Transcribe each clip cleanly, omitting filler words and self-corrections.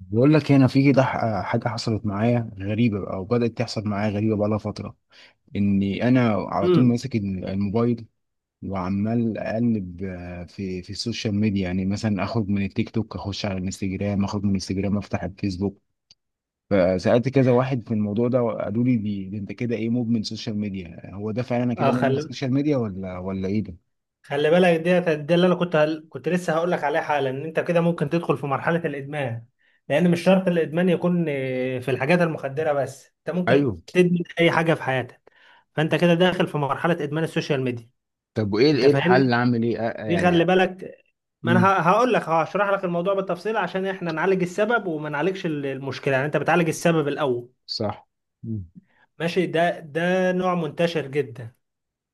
بقول لك هنا في كده حاجة حصلت معايا غريبة، بقى وبدأت تحصل معايا غريبة بقى لها فترة، إني أنا على طول امم ماسك الموبايل، وعمال أقلب في السوشيال ميديا. يعني مثلا أخرج من التيك توك أخش على الانستجرام، أخرج من الانستجرام أفتح الفيسبوك. فسألت كذا واحد في الموضوع ده وقالوا لي دي أنت كده إيه، مدمن سوشيال ميديا؟ هو ده فعلا أنا اه كده مدمن خلي سوشيال ميديا ولا إيه ده؟ خلي بالك، ديت دي اللي انا كنت لسه هقول لك عليها حالا ان انت كده ممكن تدخل في مرحله الادمان. لان مش شرط الادمان يكون في الحاجات المخدره، بس انت ممكن ايوه. تدمن اي حاجه في حياتك. فانت كده داخل في مرحله ادمان السوشيال ميديا. طب وايه، انت ايه الحل، فاهمني؟ اعمل ايه دي يعني. خلي بالك. ما انا امم. ه- هقول لك، هشرح لك الموضوع بالتفصيل عشان احنا نعالج السبب وما نعالجش المشكله. يعني انت بتعالج السبب الاول. صح. مم. ماشي. ده نوع منتشر جدا،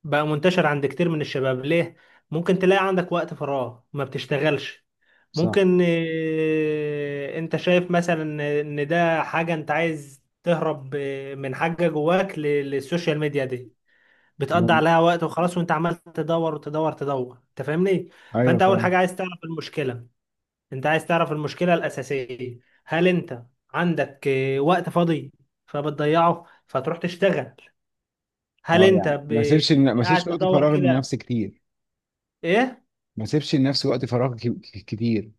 بقى منتشر عند كتير من الشباب. ليه؟ ممكن تلاقي عندك وقت فراغ ما بتشتغلش. صح. ممكن انت شايف مثلا ان ده حاجة انت عايز تهرب من حاجة جواك للسوشيال ميديا دي، بتقضي مم. عليها وقت وخلاص، وانت عمال تدور وتدور تدور. انت فاهمني؟ أيوه فانت اول فعلا. حاجة عايز تعرف المشكلة، انت عايز تعرف المشكلة الأساسية. هل انت عندك وقت فاضي فبتضيعه فتروح تشتغل؟ هل اه انت يعني ب- ما سيبش قاعد وقت تدور فراغ كده؟ لنفسي كتير. ايه. ما سيبش لنفسي وقت فراغ كتير.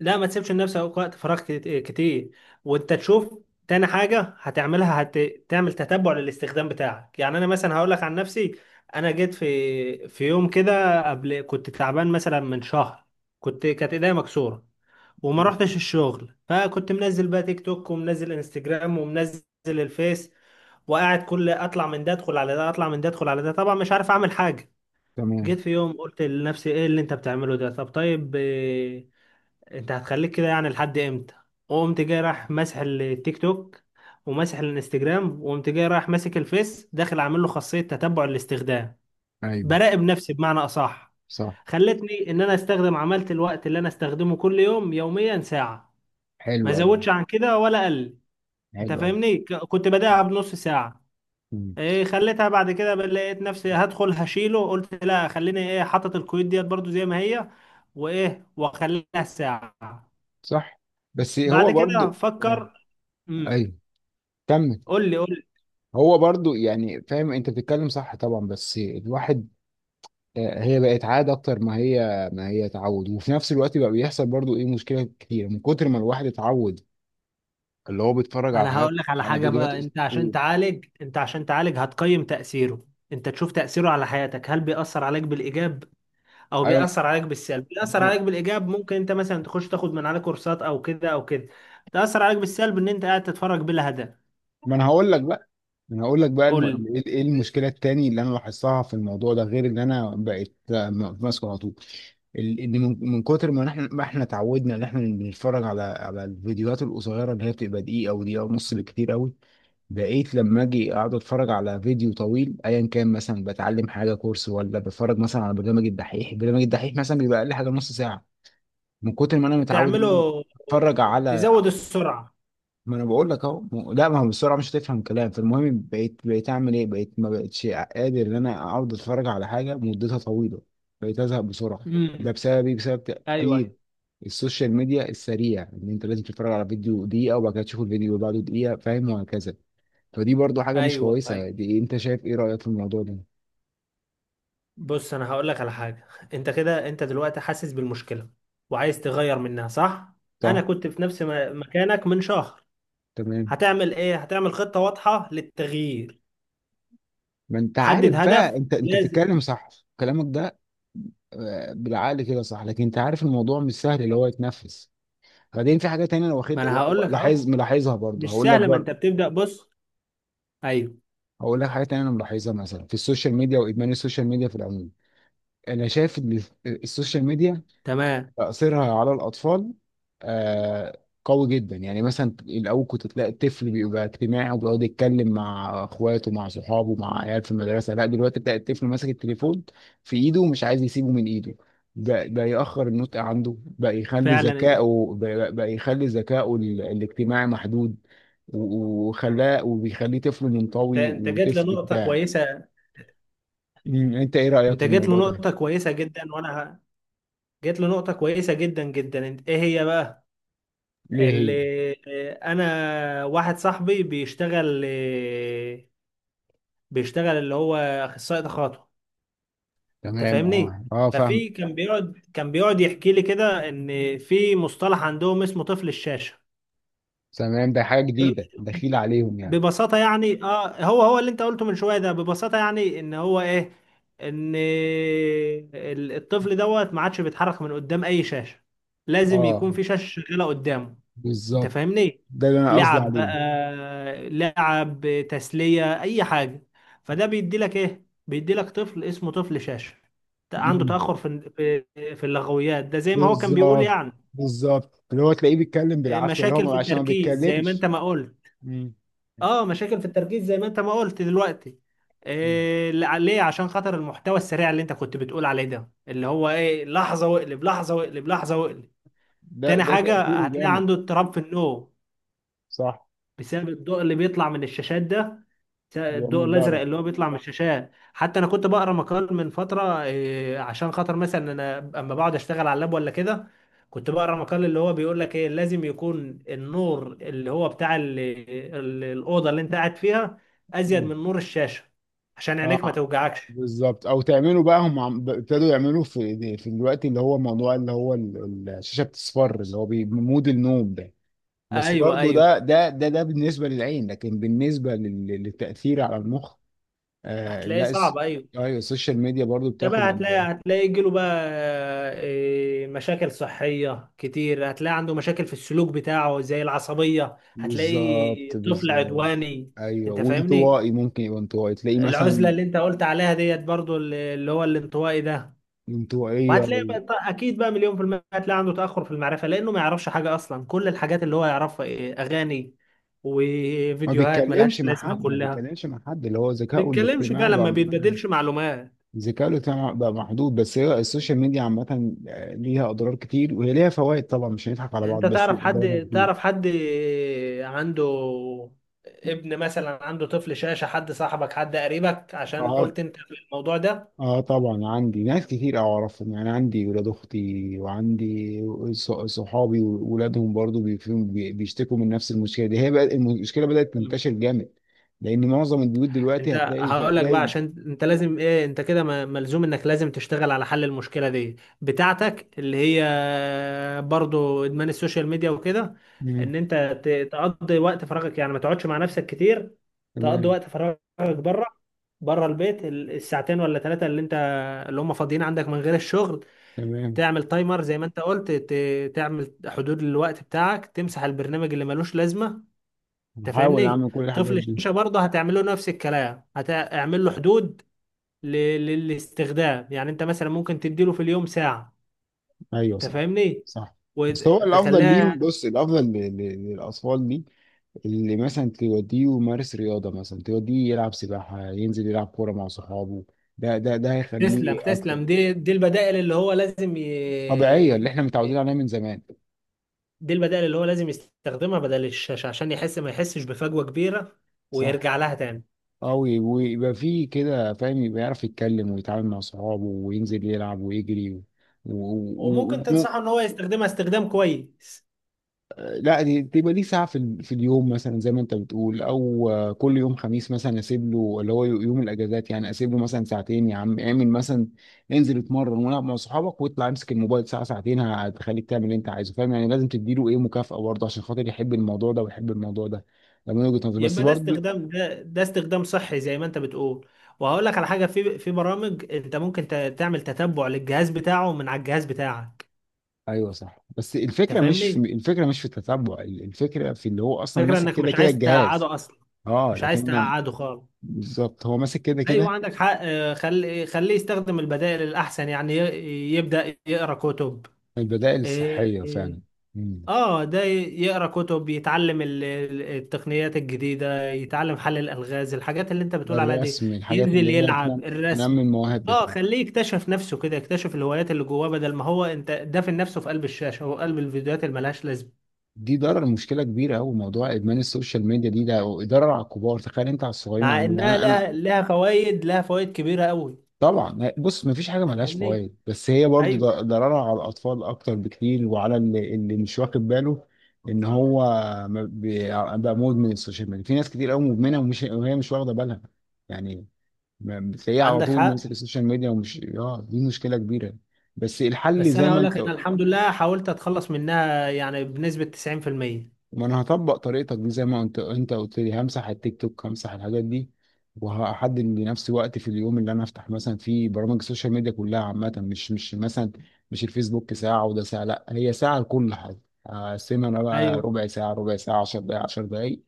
لا، ما تسيبش لنفسك وقت فراغ كت- إيه، كتير. وانت تشوف. تاني حاجه هتعملها، هتعمل تتبع للاستخدام بتاعك. يعني انا مثلا هقول لك عن نفسي، انا جيت في يوم كده قبل، كنت تعبان مثلا من شهر، كانت ايديا مكسوره وما رحتش الشغل. فكنت منزل بقى تيك توك، ومنزل انستجرام، ومنزل الفيس، وقاعد كل اطلع من ده ادخل على ده، اطلع من ده ادخل على ده، طبعا مش عارف اعمل حاجه. تمام. جيت في يوم قلت لنفسي ايه اللي انت بتعمله ده؟ طب طيب انت هتخليك كده يعني لحد امتى؟ وقمت جاي رايح ماسح التيك توك وماسح الانستجرام، وقمت جاي رايح ماسك الفيس، داخل عامل له خاصية تتبع الاستخدام. ايوه براقب نفسي بمعنى اصح. صح. خلتني ان انا استخدم، عملت الوقت اللي انا استخدمه كل يوم يوميا ساعة، حلو ما قوي. زودش عن كده ولا قل. انت حلو قوي. فاهمني؟ كنت بداها بنص ساعة، مم. ايه، خليتها بعد كده، لقيت نفسي هدخل هشيله، قلت لا خليني ايه حاطط الكويت ديت برضو زي ما هي، وايه واخليها ساعة. صح. بس هو بعد كده برضو اه. فكر. امم ايوه كمل. قول لي قول لي. هو برضو يعني فاهم، انت بتتكلم صح طبعا، بس الواحد هي بقت عادة اكتر ما هي، ما هي تعود. وفي نفس الوقت بقى بيحصل برضو ايه، مشكلة كتير من كتر ما الواحد اتعود. اللي هو بيتفرج على انا هقول حاجات لك على على حاجه. فيديوهات بقى انت عشان تعالج، انت عشان تعالج هتقيم تاثيره، انت تشوف تاثيره على حياتك. هل بيأثر عليك بالايجاب او ايوه. بيأثر عليك بالسلب؟ بيأثر عليك بالايجاب ممكن انت مثلا تخش تاخد من عليه كورسات او كده او كده. تأثر عليك بالسلب ان انت قاعد تتفرج بلا هدف. ما انا هقول لك بقى، انا هقول لك بقى قول ايه، إيه المشكله التاني اللي انا لاحظتها في الموضوع ده، غير ان انا بقيت ماسكه على طول ان من كتر ما ما احنا اتعودنا ان احنا بنتفرج على الفيديوهات القصيره، اللي هي بتبقى دقيقه او دقيقه ونص بالكتير قوي. بقيت لما اجي اقعد اتفرج على فيديو طويل ايا كان، مثلا بتعلم حاجه كورس، ولا بتفرج مثلا على برنامج الدحيح، برنامج الدحيح مثلا بيبقى اقل حاجه نص ساعه. من كتر ما انا لي متعود ان انا تعمله. اتفرج على، تزود السرعه. ما انا بقول لك اهو لا ما هو بسرعه مش هتفهم كلام. فالمهم بقيت بقيت اعمل ايه، بقيت ما بقتش قادر ان انا اقعد اتفرج على حاجه مدتها طويله، بقيت ازهق بسرعه. ده امم بسبب ايه، بسبب ايوه، تاثير ايوه، السوشيال ميديا السريع، ان انت لازم تتفرج على فيديو دقيقه وبعد كده تشوف الفيديو اللي بعده دقيقه، فاهم، وهكذا. فدي برضو حاجه مش ايوه. كويسه دي، انت شايف ايه رايك في الموضوع ده؟ بص انا هقول لك على حاجه. انت كده، انت دلوقتي حاسس بالمشكله وعايز تغير منها، صح؟ انا صح. كنت في نفس مكانك من شهر. تمام. هتعمل ايه؟ هتعمل خطه واضحه للتغيير. ما انت عارف حدد هدف بقى، انت لازم. بتتكلم صح كلامك ده، بالعقل كده صح، لكن انت عارف الموضوع مش سهل اللي هو يتنفس. بعدين في حاجه تانية انا ما واخد انا هقول لك اهو. لاحظ ملاحظها برضه، مش هقول لك سهل، ما انت برضه بتبدا. بص. ايوه. هقول لك حاجه تانية انا ملاحظها مثلا في السوشيال ميديا، وادمان السوشيال ميديا في العموم. انا شايف ان السوشيال ميديا تمام. تأثيرها على الأطفال آه، قوي جدا. يعني مثلا الأول كنت تلاقي الطفل بيبقى اجتماعي وبيقعد يتكلم مع إخواته مع صحابه مع عيال في المدرسة. لا دلوقتي تلاقي الطفل ماسك التليفون في إيده ومش عايز يسيبه من إيده. بقى يأخر النطق عنده، بقى يخلي فعلا. ذكائه بقى بقى يخلي ذكائه الاجتماعي محدود. وخلاه وبيخليه طفل انت منطوي انت جيت وطفل لنقطه بتاع. كويسه، أمم، أنت إيه رأيك في انت جيت الموضوع ده؟ لنقطه كويسه جدا. جيت لنقطه كويسه جدا جدا. انت ايه هي بقى؟ ليه هي؟ اللي انا واحد صاحبي بيشتغل، بيشتغل اللي هو اخصائي تخاطب. انت تمام فاهمني؟ اه اه فاهمك. ففي كان بيقعد، كان بيقعد يحكي لي كده ان في مصطلح عندهم اسمه طفل الشاشه. تمام ده حاجة جديدة دخيلة عليهم يعني. ببساطه يعني اه، هو اللي انت قلته من شويه ده، ببساطه يعني ان هو ايه، ان الطفل دوت ما عادش بيتحرك من قدام اي شاشه، لازم اه يكون في شاشه شغاله قدامه. انت بالظبط، فاهمني؟ ده اللي انا قصدي لعب عليه. بقى لعب، تسلية، اي حاجة. فده بيدي لك ايه؟ بيدي لك طفل اسمه طفل شاشة، عنده مم. تأخر في في اللغويات، ده زي ما هو كان بيقول بالظبط. يعني. بالظبط اللي هو تلاقيه بيتكلم بالعافية، اللي مشاكل هو في عشان ما التركيز زي ما انت بيتكلمش. ما قلت. مم. اه، مشاكل في التركيز زي ما انت ما قلت دلوقتي. مم. إيه ليه؟ عشان خاطر المحتوى السريع اللي انت كنت بتقول عليه ده، اللي هو ايه، لحظة واقلب لحظة واقلب لحظة واقلب. ده تاني ده حاجة تأثيره هتلاقي جامد. عنده اضطراب في النوم صح. بسبب الضوء اللي بيطلع من الشاشات ده. الضوء يعمل الازرق ضرر. اللي هو بيطلع من الشاشات. حتى انا كنت بقرا مقال من فتره، عشان خاطر مثلا انا اما بقعد اشتغل على اللاب ولا كده، كنت بقرا مقال اللي هو بيقول لك ايه، لازم يكون النور اللي هو بتاع الاوضه اللي انت قاعد فيها ازيد من مم. نور الشاشه عشان عينيك ما اه توجعكش. بالظبط. او تعملوا بقى هم ابتدوا يعملوا في في الوقت، اللي هو موضوع اللي هو الشاشة بتصفر، اللي هو مود النوم ده. بس ايوه، برضو ايوه. ده بالنسبة للعين، لكن بالنسبة للتأثير على المخ. آه هتلاقيه لا الس- صعب، ايوه. ايوه السوشيال ميديا برضو ده بتاخد بقى هتلاقي، هتلاقي يجيله بقى مشاكل صحية كتير. هتلاقي عنده مشاكل في السلوك بتاعه زي العصبية، هتلاقي بالظبط. طفل بالظبط. عدواني. ايوه انت فاهمني؟ وانطوائي، ممكن يبقى انطوائي تلاقيه العزلة مثلا اللي انت قلت عليها ديت برضو، اللي هو الانطوائي ده. انطوائية وهتلاقي بقى اكيد بقى مليون في المية، هتلاقي عنده تأخر في المعرفة لانه ما يعرفش حاجة اصلا. كل الحاجات اللي هو يعرفها إيه؟ اغاني ما وفيديوهات بيتكلمش ملهاش مع لازمة حد، ما كلها. بيتكلمش مع حد، اللي هو ذكائه بيتكلمش بقى، الاجتماعي لما بقى، بيتبادلش معلومات. ذكائه الاجتماعي بقى محدود. بس هي السوشيال ميديا عامة ليها أضرار كتير، وهي ليها فوائد طبعا مش هنضحك على بعض، انت بس ضررها تعرف حد عنده ابن مثلا، عنده طفل شاشة، حد صاحبك حد قريبك، عشان كتير. قلت انت في الموضوع ده؟ اه طبعا عندي ناس كتير اعرفهم، يعني عندي ولاد اختي وعندي صحابي وولادهم برضو بيشتكوا من نفس المشكله دي. هي بقى المشكله بدات مم. تنتشر جامد، لان معظم البيوت دلوقتي انت هقول لك بقى، هتلاقي. عشان انت لازم ايه، انت كده ملزوم انك لازم تشتغل على حل المشكلة دي بتاعتك، اللي هي برضو ادمان السوشيال ميديا وكده. مم، ان انت تقضي وقت فراغك، يعني ما تقعدش مع نفسك كتير. تقضي تمام. وقت فراغك بره، بره البيت، الساعتين ولا ثلاثة اللي انت، اللي هم فاضيين عندك من غير الشغل. تمام. تعمل تايمر زي ما انت قلت، تعمل حدود للوقت بتاعك، تمسح البرنامج اللي ملوش لازمه. انت هحاول فاهمني؟ اعمل كل طفل الحاجات دي. الشاشه برضه هتعمل له نفس الكلام، هتعمل له حدود ل- للاستخدام. يعني انت مثلا ممكن تديله في اليوم ساعه. ايوه انت صح. فاهمني؟ صح. بس هو الافضل ليهم، وتخليها. بص الافضل للاطفال دي، اللي مثلا توديه يمارس رياضه، مثلا توديه يلعب سباحه، ينزل يلعب كوره مع صحابه. ده تسلم، هيخليه اكتر تسلم. دي البدائل اللي هو لازم طبيعية، اللي احنا متعودين عليها من زمان. دي البدائل اللي هو لازم يستخدمها بدل الشاشه عشان يحس، ما يحسش بفجوه كبيره صح. ويرجع لها تاني. اه ويبقى في كده فاهم، يبقى يعرف يتكلم ويتعامل مع صحابه وينزل يلعب ويجري و... وممكن و... و... تنصحه ان هو يستخدمها استخدام كويس، لا تبقى ليه ساعة في, في اليوم مثلا زي ما انت بتقول، او كل يوم خميس مثلا اسيب له، اللي هو يوم الاجازات يعني اسيب له مثلا ساعتين، يا عم اعمل مثلا انزل اتمرن والعب مع صحابك، واطلع امسك الموبايل ساعة ساعتين. هتخليك تعمل اللي انت عايزه، فاهم يعني. لازم تديله ايه، مكافأة برضه عشان خاطر يحب الموضوع ده ويحب الموضوع ده، ده من وجهة نظري بس يبقى ده برضه. استخدام، ده استخدام صحي زي ما انت بتقول. وهقول لك على حاجه، في برامج انت ممكن تعمل تتبع للجهاز بتاعه من على الجهاز بتاعك. ايوه صح. بس انت الفكره مش في، فاهمني؟ الفكره مش في التتبع، الفكره في اللي هو اصلا فكره ماسك انك كده مش كده عايز الجهاز. تقعده اصلا، اه مش لكن عايز انا تقعده خالص. بالظبط، هو ماسك كده ايوه كده. عندك حق. اه، خلي خليه يستخدم البدائل الاحسن، يعني يبدا يقرا كتب. البدائل اه، الصحيه آه. فعلا. مم. اه ده يقرا كتب، يتعلم التقنيات الجديدة، يتعلم حل الألغاز، الحاجات اللي انت بتقول عليها دي. الرسم، الحاجات ينزل اللي هي يلعب تنمي، الرسم. تنمي المواهب اه بتاعتك. خليه يكتشف نفسه كده، يكتشف الهوايات اللي جواه، بدل ما هو انت دافن نفسه في قلب الشاشة، هو قلب الفيديوهات اللي ملهاش لازمة. دي ضرر، مشكله كبيره قوي موضوع ادمان السوشيال ميديا دي، ده ضرر على الكبار، تخيل انت على الصغيرين مع عامل إيه. انها يعني انا لها فوائد، لها فوائد كبيرة قوي. طبعا. بص مفيش حاجه انت ملهاش فاهمني؟ فوائد، بس هي برضو ايوه ضررها على الاطفال اكتر بكتير، وعلى اللي مش واخد باله ان هو ما بي- بقى مدمن السوشيال ميديا. في ناس كتير قوي مدمنه وهي مش واخده بالها يعني، ما- بتلاقيها على عندك طول حق. ماسك السوشيال ميديا ومش اه، دي مشكله كبيره. بس الحل بس زي انا ما هقول لك، انت. انا الحمد لله حاولت اتخلص منها يعني بنسبة 90%. ما انا هطبق طريقتك دي، زي ما انت قلت لي، همسح التيك توك همسح الحاجات دي، وهحدد لنفسي وقت في اليوم اللي انا افتح مثلا فيه برامج السوشيال ميديا كلها عامه، مش مش مثلا مش الفيسبوك ساعه وده ساعه، لا هي ساعه لكل حاجه، هقسمها انا بقى ايوه ربع ساعه ربع ساعه 10 دقائق 10 دقائق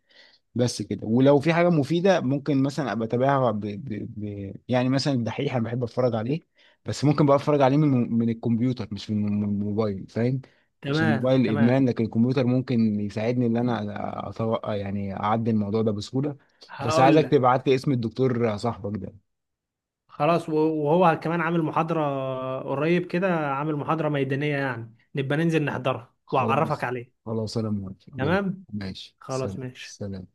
بس كده. ولو في حاجة مفيدة ممكن مثلا ابقى اتابعها يعني مثلا الدحيح انا بحب اتفرج عليه، بس ممكن بقى اتفرج عليه من الكمبيوتر مش من الموبايل فاهم. عشان تمام، الموبايل ادمان، تمام. لكن الكمبيوتر ممكن يساعدني ان انا أتوقع يعني اعدي الموضوع ده بسهولة. بس هقول عايزك لك تبعت لي اسم الدكتور صاحبك ده. خلاص، وهو كمان عامل محاضرة قريب كده، عامل محاضرة ميدانية، يعني نبقى ننزل نحضرها خلاص. وأعرفك عليه. خلاص انا موافق يلا. تمام. ماشي خلاص، سلام ماشي. سلام.